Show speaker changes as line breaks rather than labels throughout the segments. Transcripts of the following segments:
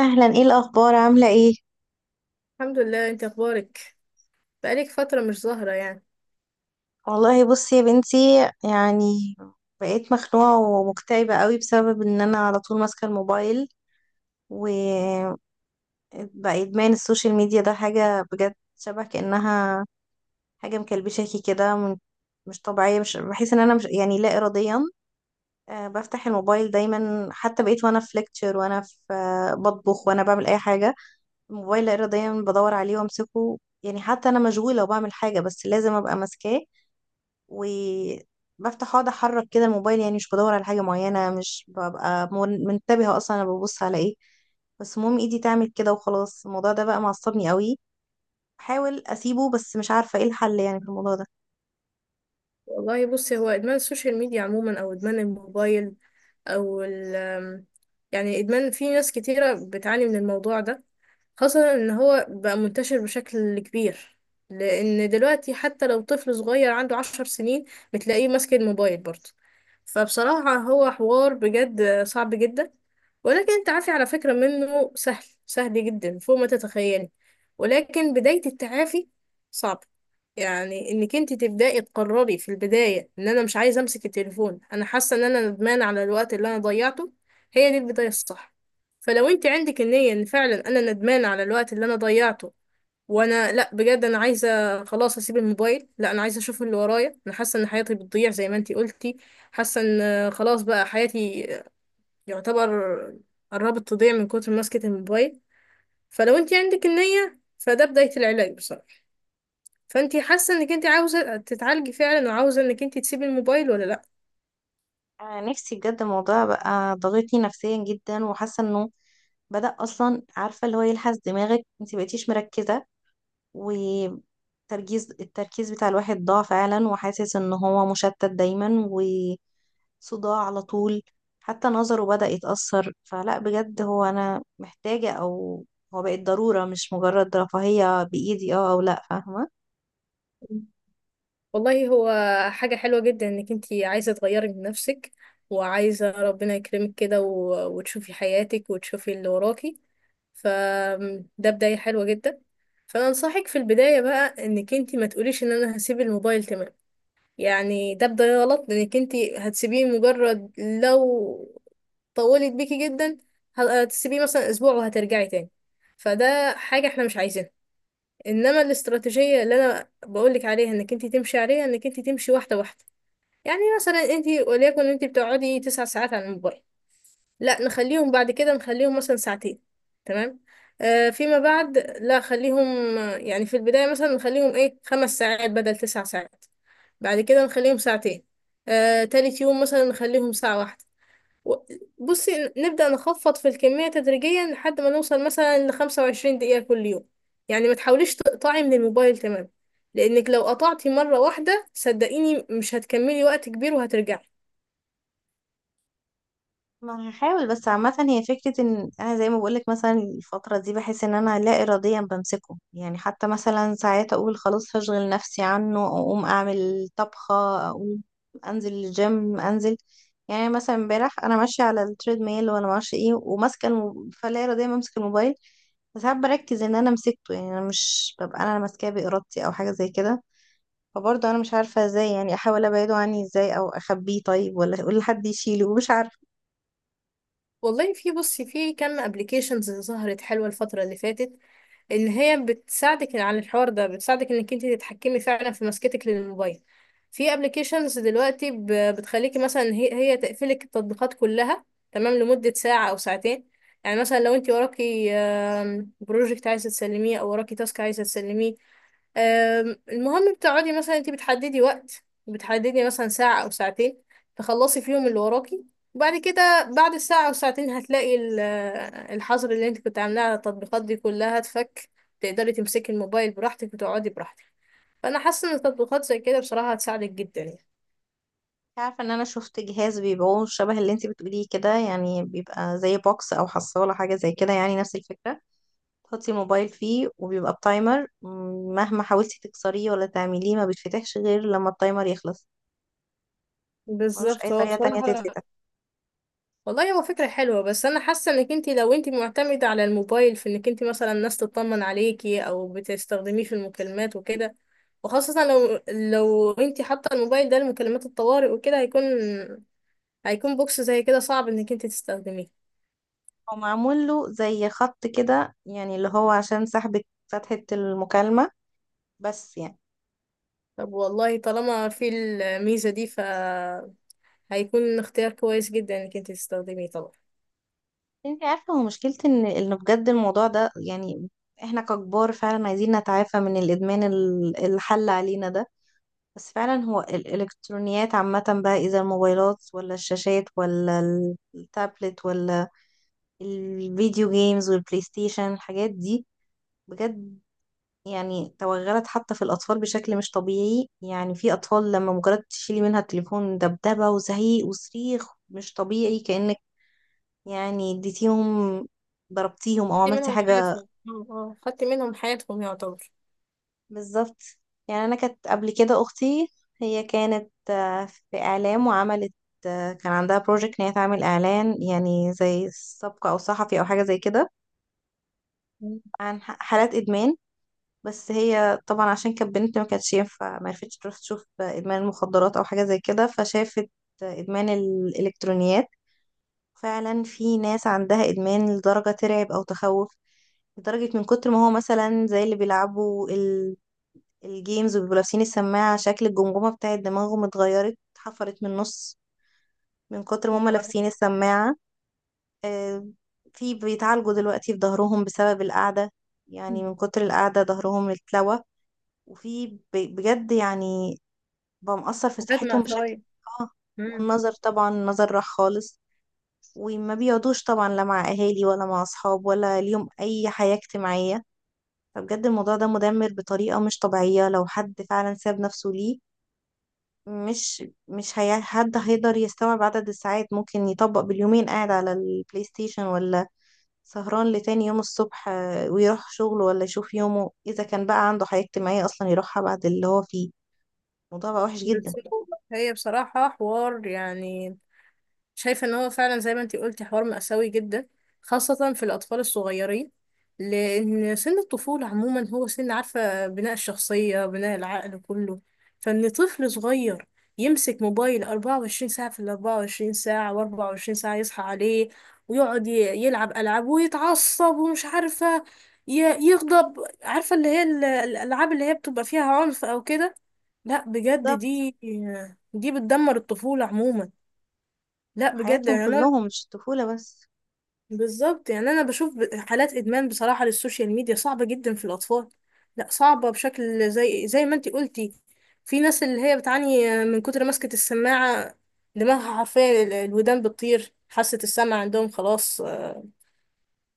اهلا، ايه الاخبار؟ عامله ايه؟
الحمد لله. انت اخبارك؟ بقالك فترة مش ظاهرة يعني.
والله بصي يا بنتي، يعني بقيت مخنوعه ومكتئبه قوي بسبب ان انا على طول ماسكه الموبايل. وبقى ادمان السوشيال ميديا ده حاجه بجد، شبه كانها حاجه مكلبشاكي كده مش طبيعيه، مش بحس ان انا مش يعني لا اراديا. بفتح الموبايل دايما، حتى بقيت وانا في ليكتشر وانا في بطبخ وانا بعمل اي حاجه. الموبايل لا اراديا بدور عليه وامسكه، يعني حتى انا مشغوله وبعمل حاجه بس لازم ابقى ماسكاه. وبفتح اقعد احرك كده الموبايل، يعني مش بدور على حاجة معينة، مش ببقى منتبهة اصلا انا ببص على ايه. بس المهم ايدي تعمل كده وخلاص. الموضوع ده بقى معصبني قوي، بحاول اسيبه بس مش عارفة ايه الحل يعني في الموضوع ده.
والله بصي، هو ادمان السوشيال ميديا عموما او ادمان الموبايل او يعني ادمان، في ناس كتيرة بتعاني من الموضوع ده، خاصة ان هو بقى منتشر بشكل كبير. لان دلوقتي حتى لو طفل صغير عنده 10 سنين، بتلاقيه ماسك الموبايل برضه. فبصراحة هو حوار بجد صعب جدا، ولكن التعافي على فكرة منه سهل سهل جدا فوق ما تتخيلي. ولكن بداية التعافي صعبة. يعني انك انت تبدأي تقرري في البداية ان انا مش عايزة امسك التليفون، انا حاسة ان انا ندمان على الوقت اللي انا ضيعته. هي دي البداية الصح. فلو انت عندك النية ان فعلا انا ندمانة على الوقت اللي انا ضيعته، وانا لا بجد انا عايزة خلاص اسيب الموبايل، لا انا عايزة اشوف اللي ورايا، انا حاسة ان حياتي بتضيع زي ما انتي قلتي، حاسة ان خلاص بقى حياتي، يعتبر قربت تضيع من كتر ماسكة الموبايل. فلو انت عندك النية فده بداية العلاج بصراحة. فانت حاسة انك انت عاوزة تتعالجي فعلا وعاوزة انك انت تسيبي الموبايل ولا لا؟
انا نفسي بجد الموضوع بقى ضاغطني نفسيا جدا، وحاسة انه بدأ اصلا، عارفة اللي هو يلحس دماغك، انت بقيتيش مركزة. التركيز بتاع الواحد ضاع فعلا، وحاسس ان هو مشتت دايما وصداع على طول. حتى نظره بدأ يتأثر، فلا بجد هو انا محتاجة او هو بقت ضرورة مش مجرد رفاهية بإيدي اه او لا، فاهمة؟
والله هو حاجة حلوة جدا انك انتي عايزة تغيري من نفسك، وعايزة ربنا يكرمك كده و- وتشوفي حياتك وتشوفي اللي وراكي. فده بداية حلوة جدا. فانا انصحك في البداية بقى، انك انتي ما تقوليش ان انا هسيب الموبايل تمام، يعني ده بداية غلط، لانك انتي هتسيبيه مجرد لو طولت بيكي جدا، هتسيبيه مثلا اسبوع وهترجعي تاني. فده حاجة احنا مش عايزينها. انما الاستراتيجيه اللي انا بقولك عليها انك انت تمشي عليها، انك انت تمشي واحده واحده. يعني مثلا انت وليكن انت بتقعدي 9 ساعات على الموبايل، لا نخليهم بعد كده نخليهم مثلا ساعتين، تمام؟ آه فيما بعد، لا خليهم، يعني في البدايه مثلا نخليهم ايه، 5 ساعات بدل 9 ساعات، بعد كده نخليهم ساعتين، آه تالت يوم مثلا نخليهم ساعه واحده، و- بصي نبدأ نخفض في الكمية تدريجيا لحد ما نوصل مثلا لخمسة وعشرين دقيقة كل يوم. يعني ما تحاوليش تقطعي من الموبايل تمام، لأنك لو قطعتي مرة واحدة صدقيني مش هتكملي وقت كبير وهترجعي.
ما هحاول، بس عامة هي فكرة ان انا زي ما بقولك مثلا الفترة دي بحس ان انا لا اراديا بمسكه، يعني حتى مثلا ساعات اقول خلاص هشغل نفسي عنه او اقوم اعمل طبخة، اقوم انزل الجيم انزل. يعني مثلا امبارح انا ماشية على التريد ميل ولا معرفش ايه وماسكة فلا اراديا بمسك الموبايل. بس ساعات بركز ان انا مسكته، يعني انا مش ببقى انا ماسكاه بارادتي او حاجة زي كده. فبرضه انا مش عارفة ازاي، يعني احاول ابعده عني ازاي او اخبيه طيب، ولا اقول لحد يشيله، مش عارفة.
والله في، بصي، في كم ابلكيشنز ظهرت حلوة الفترة اللي فاتت، ان هي بتساعدك على الحوار ده، بتساعدك انك انت تتحكمي فعلا في مسكتك للموبايل. في ابلكيشنز دلوقتي بتخليكي مثلا هي تقفلك التطبيقات كلها، تمام، لمدة ساعة او ساعتين. يعني مثلا لو انت وراكي بروجكت عايزة تسلميه او وراكي تاسك عايزة تسلميه، المهم بتقعدي مثلا انت بتحددي وقت، بتحددي مثلا ساعة أو ساعتين، تخلصي فيهم اللي وراكي. وبعد كده بعد الساعة أو ساعتين، هتلاقي الحظر اللي انت كنت عاملاه على التطبيقات دي كلها اتفك، تقدري تمسكي الموبايل براحتك وتقعدي براحتك. فأنا حاسة إن التطبيقات زي كده بصراحة هتساعدك جدا يعني.
عارفة ان انا شفت جهاز بيبيعوه شبه اللي انتي بتقوليه كده، يعني بيبقى زي بوكس او حصالة حاجة زي كده، يعني نفس الفكرة. تحطي الموبايل فيه وبيبقى بتايمر، مهما حاولتي تكسريه ولا تعمليه ما بيتفتحش غير لما التايمر يخلص. ملوش اي
بالظبط، هو
طريقة تانية
بصراحة،
تتفتح.
والله هو فكرة حلوة، بس أنا حاسة إنك أنت لو أنت معتمدة على الموبايل في إنك أنت مثلا الناس تطمن عليكي أو بتستخدميه في المكالمات وكده، وخاصة لو أنت حاطة الموبايل ده لمكالمات الطوارئ وكده، هيكون بوكس زي كده صعب إنك أنت تستخدميه.
هو معمول له زي خط كده، يعني اللي هو عشان سحب فتحة المكالمة، بس يعني.
طب والله طالما في الميزة دي، ف هيكون اختيار كويس جدا إنك أنت تستخدميه طبعا.
انتي عارفة هو مشكلتي ان بجد الموضوع ده، يعني احنا ككبار فعلا عايزين نتعافى من الادمان، الحل علينا ده. بس فعلا هو الإلكترونيات عامة بقى، إذا الموبايلات ولا الشاشات ولا التابلت ولا الفيديو جيمز والبلاي ستيشن، الحاجات دي بجد، يعني توغلت حتى في الأطفال بشكل مش طبيعي. يعني في أطفال لما مجرد تشيلي منها التليفون دبدبة وزعيق وصريخ مش طبيعي، كأنك يعني اديتيهم ضربتيهم أو
خدتي
عملتي
منهم
حاجة.
حياتهم، اه، خدتي منهم حياتهم يعتبر.
بالظبط، يعني انا كانت قبل كده اختي، هي كانت في اعلام، وعملت كان عندها بروجكت ان هي تعمل اعلان يعني زي سبق او صحفي او حاجه زي كده، عن حالات ادمان. بس هي طبعا عشان كانت بنت ما كانتش ينفع، ما عرفتش تروح تشوف ادمان المخدرات او حاجه زي كده، فشافت ادمان الالكترونيات. فعلا في ناس عندها ادمان لدرجه ترعب او تخوف، لدرجة من كتر ما هو مثلا زي اللي بيلعبوا الجيمز وبيبقوا لابسين السماعة، شكل الجمجمة بتاعت دماغهم اتغيرت، اتحفرت من النص من كتر ما هما لابسين السماعة. آه، في بيتعالجوا دلوقتي في ظهرهم بسبب القعدة، يعني
مم.
من كتر القعدة ظهرهم اتلوى. وفي بجد يعني بقى مأثر في
حاجات
صحتهم بشكل.
مأساوية.
اه، والنظر طبعا، النظر راح خالص. وما بيقعدوش طبعا لا مع أهالي ولا مع أصحاب ولا ليهم أي حياة اجتماعية. فبجد الموضوع ده مدمر بطريقة مش طبيعية لو حد فعلا ساب نفسه ليه. مش هي، حد هيقدر يستوعب عدد الساعات ممكن يطبق باليومين قاعد على البلاي ستيشن، ولا سهران لتاني يوم الصبح ويروح شغله، ولا يشوف يومه إذا كان بقى عنده حياة اجتماعية أصلا يروحها بعد اللي هو فيه. الموضوع بقى وحش جدا.
بس هي بصراحة حوار يعني، شايفة ان هو فعلا زي ما انتي قلتي حوار مأساوي جدا، خاصة في الأطفال الصغيرين. لأن سن الطفولة عموما هو سن عارفة بناء الشخصية، بناء العقل كله. فإن طفل صغير يمسك موبايل 24 ساعة في ال 24 ساعة، و24 ساعة يصحى عليه ويقعد يلعب ألعاب ويتعصب ومش عارفة يغضب، عارفة اللي هي الألعاب اللي هي بتبقى فيها عنف أو كده. لا بجد،
بالظبط،
دي بتدمر الطفولة عموما. لا بجد
حياتهم
يعني انا،
كلهم مش الطفولة بس.
بالظبط يعني انا بشوف حالات ادمان بصراحه للسوشيال ميديا صعبه جدا في الاطفال، لا صعبه بشكل زي ما انتي قلتي. في ناس اللي هي بتعاني من كتر ماسكه السماعه، دماغها حرفيا الودان بتطير، حاسه السمع عندهم خلاص،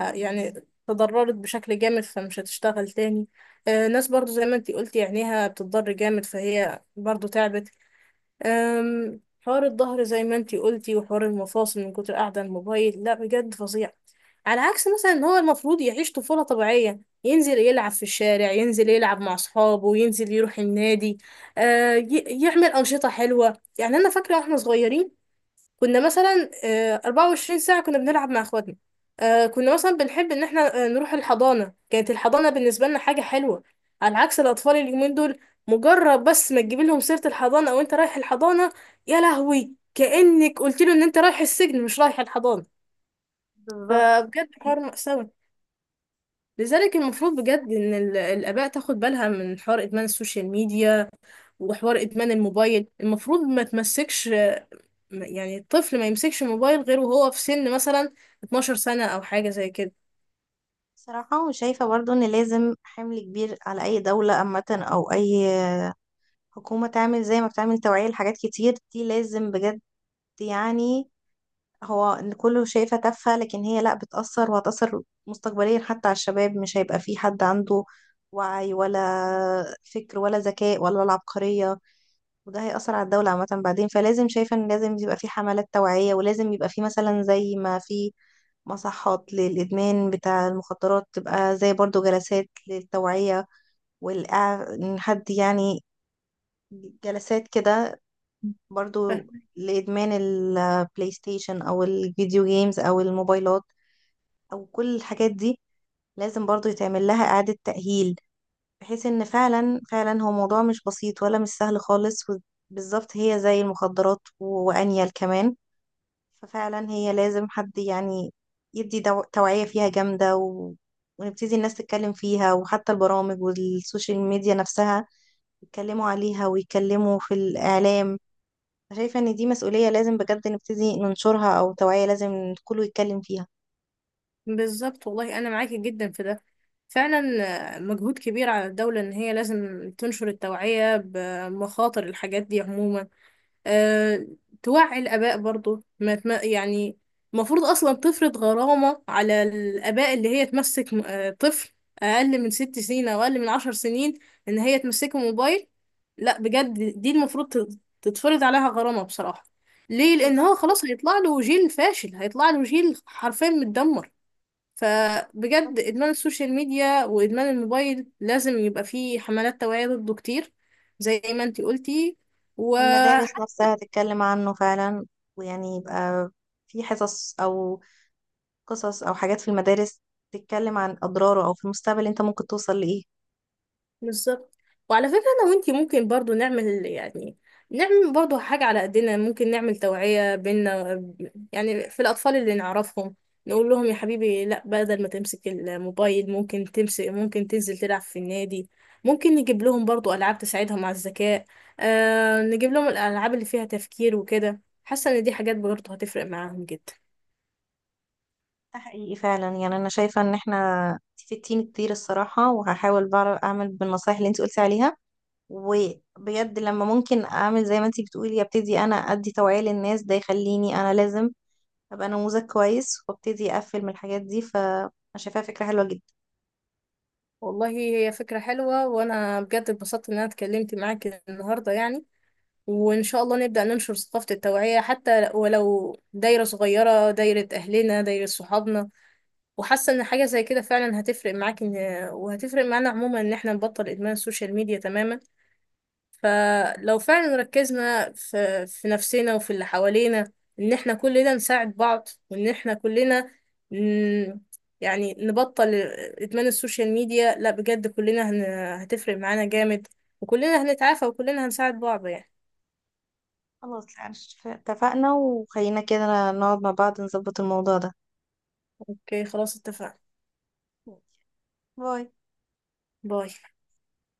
يعني تضررت بشكل جامد فمش هتشتغل تاني. ناس برضو زي ما انتي قلتي عينيها بتضر جامد فهي برضو تعبت. حوار الظهر زي ما انتي قلتي، وحوار المفاصل من كتر قاعدة على الموبايل، لا بجد فظيع. على عكس مثلا ان هو المفروض يعيش طفولة طبيعية، ينزل يلعب في الشارع، ينزل يلعب مع اصحابه، ينزل يروح النادي، آه يعمل أنشطة حلوة. يعني انا فاكرة واحنا صغيرين كنا مثلا 24 ساعة كنا بنلعب مع اخواتنا، كنا مثلا بنحب ان احنا نروح الحضانة. كانت الحضانة بالنسبة لنا حاجة حلوة، على عكس الاطفال اليومين دول، مجرد بس ما تجيب لهم سيرة الحضانة او انت رايح الحضانة، يا لهوي كأنك قلت له ان انت رايح السجن مش رايح الحضانة.
بالظبط.
فبجد
حقيقي.
حوار مأساوي. لذلك المفروض بجد ان الاباء تاخد بالها من حوار ادمان السوشيال ميديا وحوار ادمان الموبايل. المفروض ما تمسكش، يعني الطفل ما يمسكش موبايل غير وهو في سن مثلا 12 سنة أو حاجة زي كده.
صراحة شايفة برضو إن لازم حمل كبير على أي دولة عامة أو أي حكومة تعمل زي ما بتعمل توعية لحاجات كتير، دي لازم بجد، يعني هو إن كله شايفة تافهة لكن هي لا، بتأثر وهتأثر مستقبليا حتى على الشباب. مش هيبقى في حد عنده وعي ولا فكر ولا ذكاء ولا العبقرية، وده هيأثر على الدولة عامة بعدين. فلازم شايفة إن لازم يبقى في حملات توعية، ولازم يبقى في مثلا زي ما في مصحات للإدمان بتاع المخدرات، تبقى زي برضو جلسات للتوعية. والإع- إن حد يعني جلسات كده برضو
فاهم.
لإدمان البلاي ستيشن أو الفيديو جيمز أو الموبايلات او كل الحاجات دي، لازم برضو يتعمل لها اعادة تأهيل، بحيث ان فعلا فعلا هو موضوع مش بسيط ولا مش سهل خالص. بالظبط، هي زي المخدرات وانيل كمان. ففعلا هي لازم حد يعني يدي توعية فيها جامدة ونبتدي الناس تتكلم فيها، وحتى البرامج والسوشيال ميديا نفسها يتكلموا عليها ويتكلموا في الإعلام. شايفة ان دي مسؤولية لازم بجد نبتدي ننشرها، او توعية لازم كله يتكلم فيها.
بالظبط، والله أنا معاكي جدا في ده فعلا. مجهود كبير على الدولة إن هي لازم تنشر التوعية بمخاطر الحاجات دي عموما. أه، توعي الآباء برضو، ما تم... يعني المفروض أصلا تفرض غرامة على الآباء، اللي هي تمسك م- أه طفل أقل من 6 سنين أو أقل من 10 سنين، إن هي تمسكه موبايل. لا بجد، دي المفروض تتفرض عليها غرامة بصراحة. ليه؟ لأن هو
بالظبط،
خلاص هيطلع له جيل فاشل، هيطلع له جيل حرفيا متدمر. فبجد إدمان السوشيال ميديا وإدمان الموبايل لازم يبقى فيه حملات توعية ضده كتير زي ما انتي قلتي. و
والمدارس نفسها تتكلم عنه فعلا، ويعني يبقى في حصص أو قصص أو حاجات في المدارس تتكلم عن أضراره، أو في المستقبل أنت ممكن توصل لإيه.
بالظبط. وعلى فكرة أنا وأنتي ممكن برضو نعمل، يعني نعمل برضو حاجة على قدنا، ممكن نعمل توعية بينا، يعني في الأطفال اللي نعرفهم، نقول لهم يا حبيبي لا، بدل ما تمسك الموبايل ممكن تمسك، ممكن تنزل تلعب في النادي، ممكن نجيب لهم برضو ألعاب تساعدهم على الذكاء، آه نجيب لهم الألعاب اللي فيها تفكير وكده. حاسة إن دي حاجات برضو هتفرق معاهم جدا.
ده حقيقي فعلا، يعني أنا شايفة إن إحنا، إنتي فدتيني كتير الصراحة، وهحاول بعرف أعمل بالنصايح اللي أنت قلتي عليها. وبجد لما ممكن أعمل زي ما أنت بتقولي أبتدي أنا أدي توعية للناس، ده يخليني أنا لازم أبقى نموذج كويس وأبتدي أقفل من الحاجات دي، فأنا شايفاها فكرة حلوة جدا.
والله هي فكرة حلوة، وأنا بجد اتبسطت إن أنا اتكلمت معاك النهاردة يعني. وإن شاء الله نبدأ ننشر ثقافة التوعية حتى ولو دايرة صغيرة، دايرة أهلنا دايرة صحابنا. وحاسة إن حاجة زي كده فعلا هتفرق معاك، إن وهتفرق معانا عموما إن إحنا نبطل إدمان السوشيال ميديا تماما. فلو فعلا ركزنا في نفسنا وفي اللي حوالينا، إن إحنا كلنا نساعد بعض، وإن إحنا كلنا ن... يعني نبطل إدمان السوشيال ميديا، لا بجد كلنا هتفرق معانا جامد، وكلنا هنتعافى وكلنا هنساعد بعض يعني.
خلاص يعني، اتفقنا، وخلينا كده نقعد مع بعض نظبط الموضوع ده.
اوكي خلاص اتفقنا.
باي.
باي.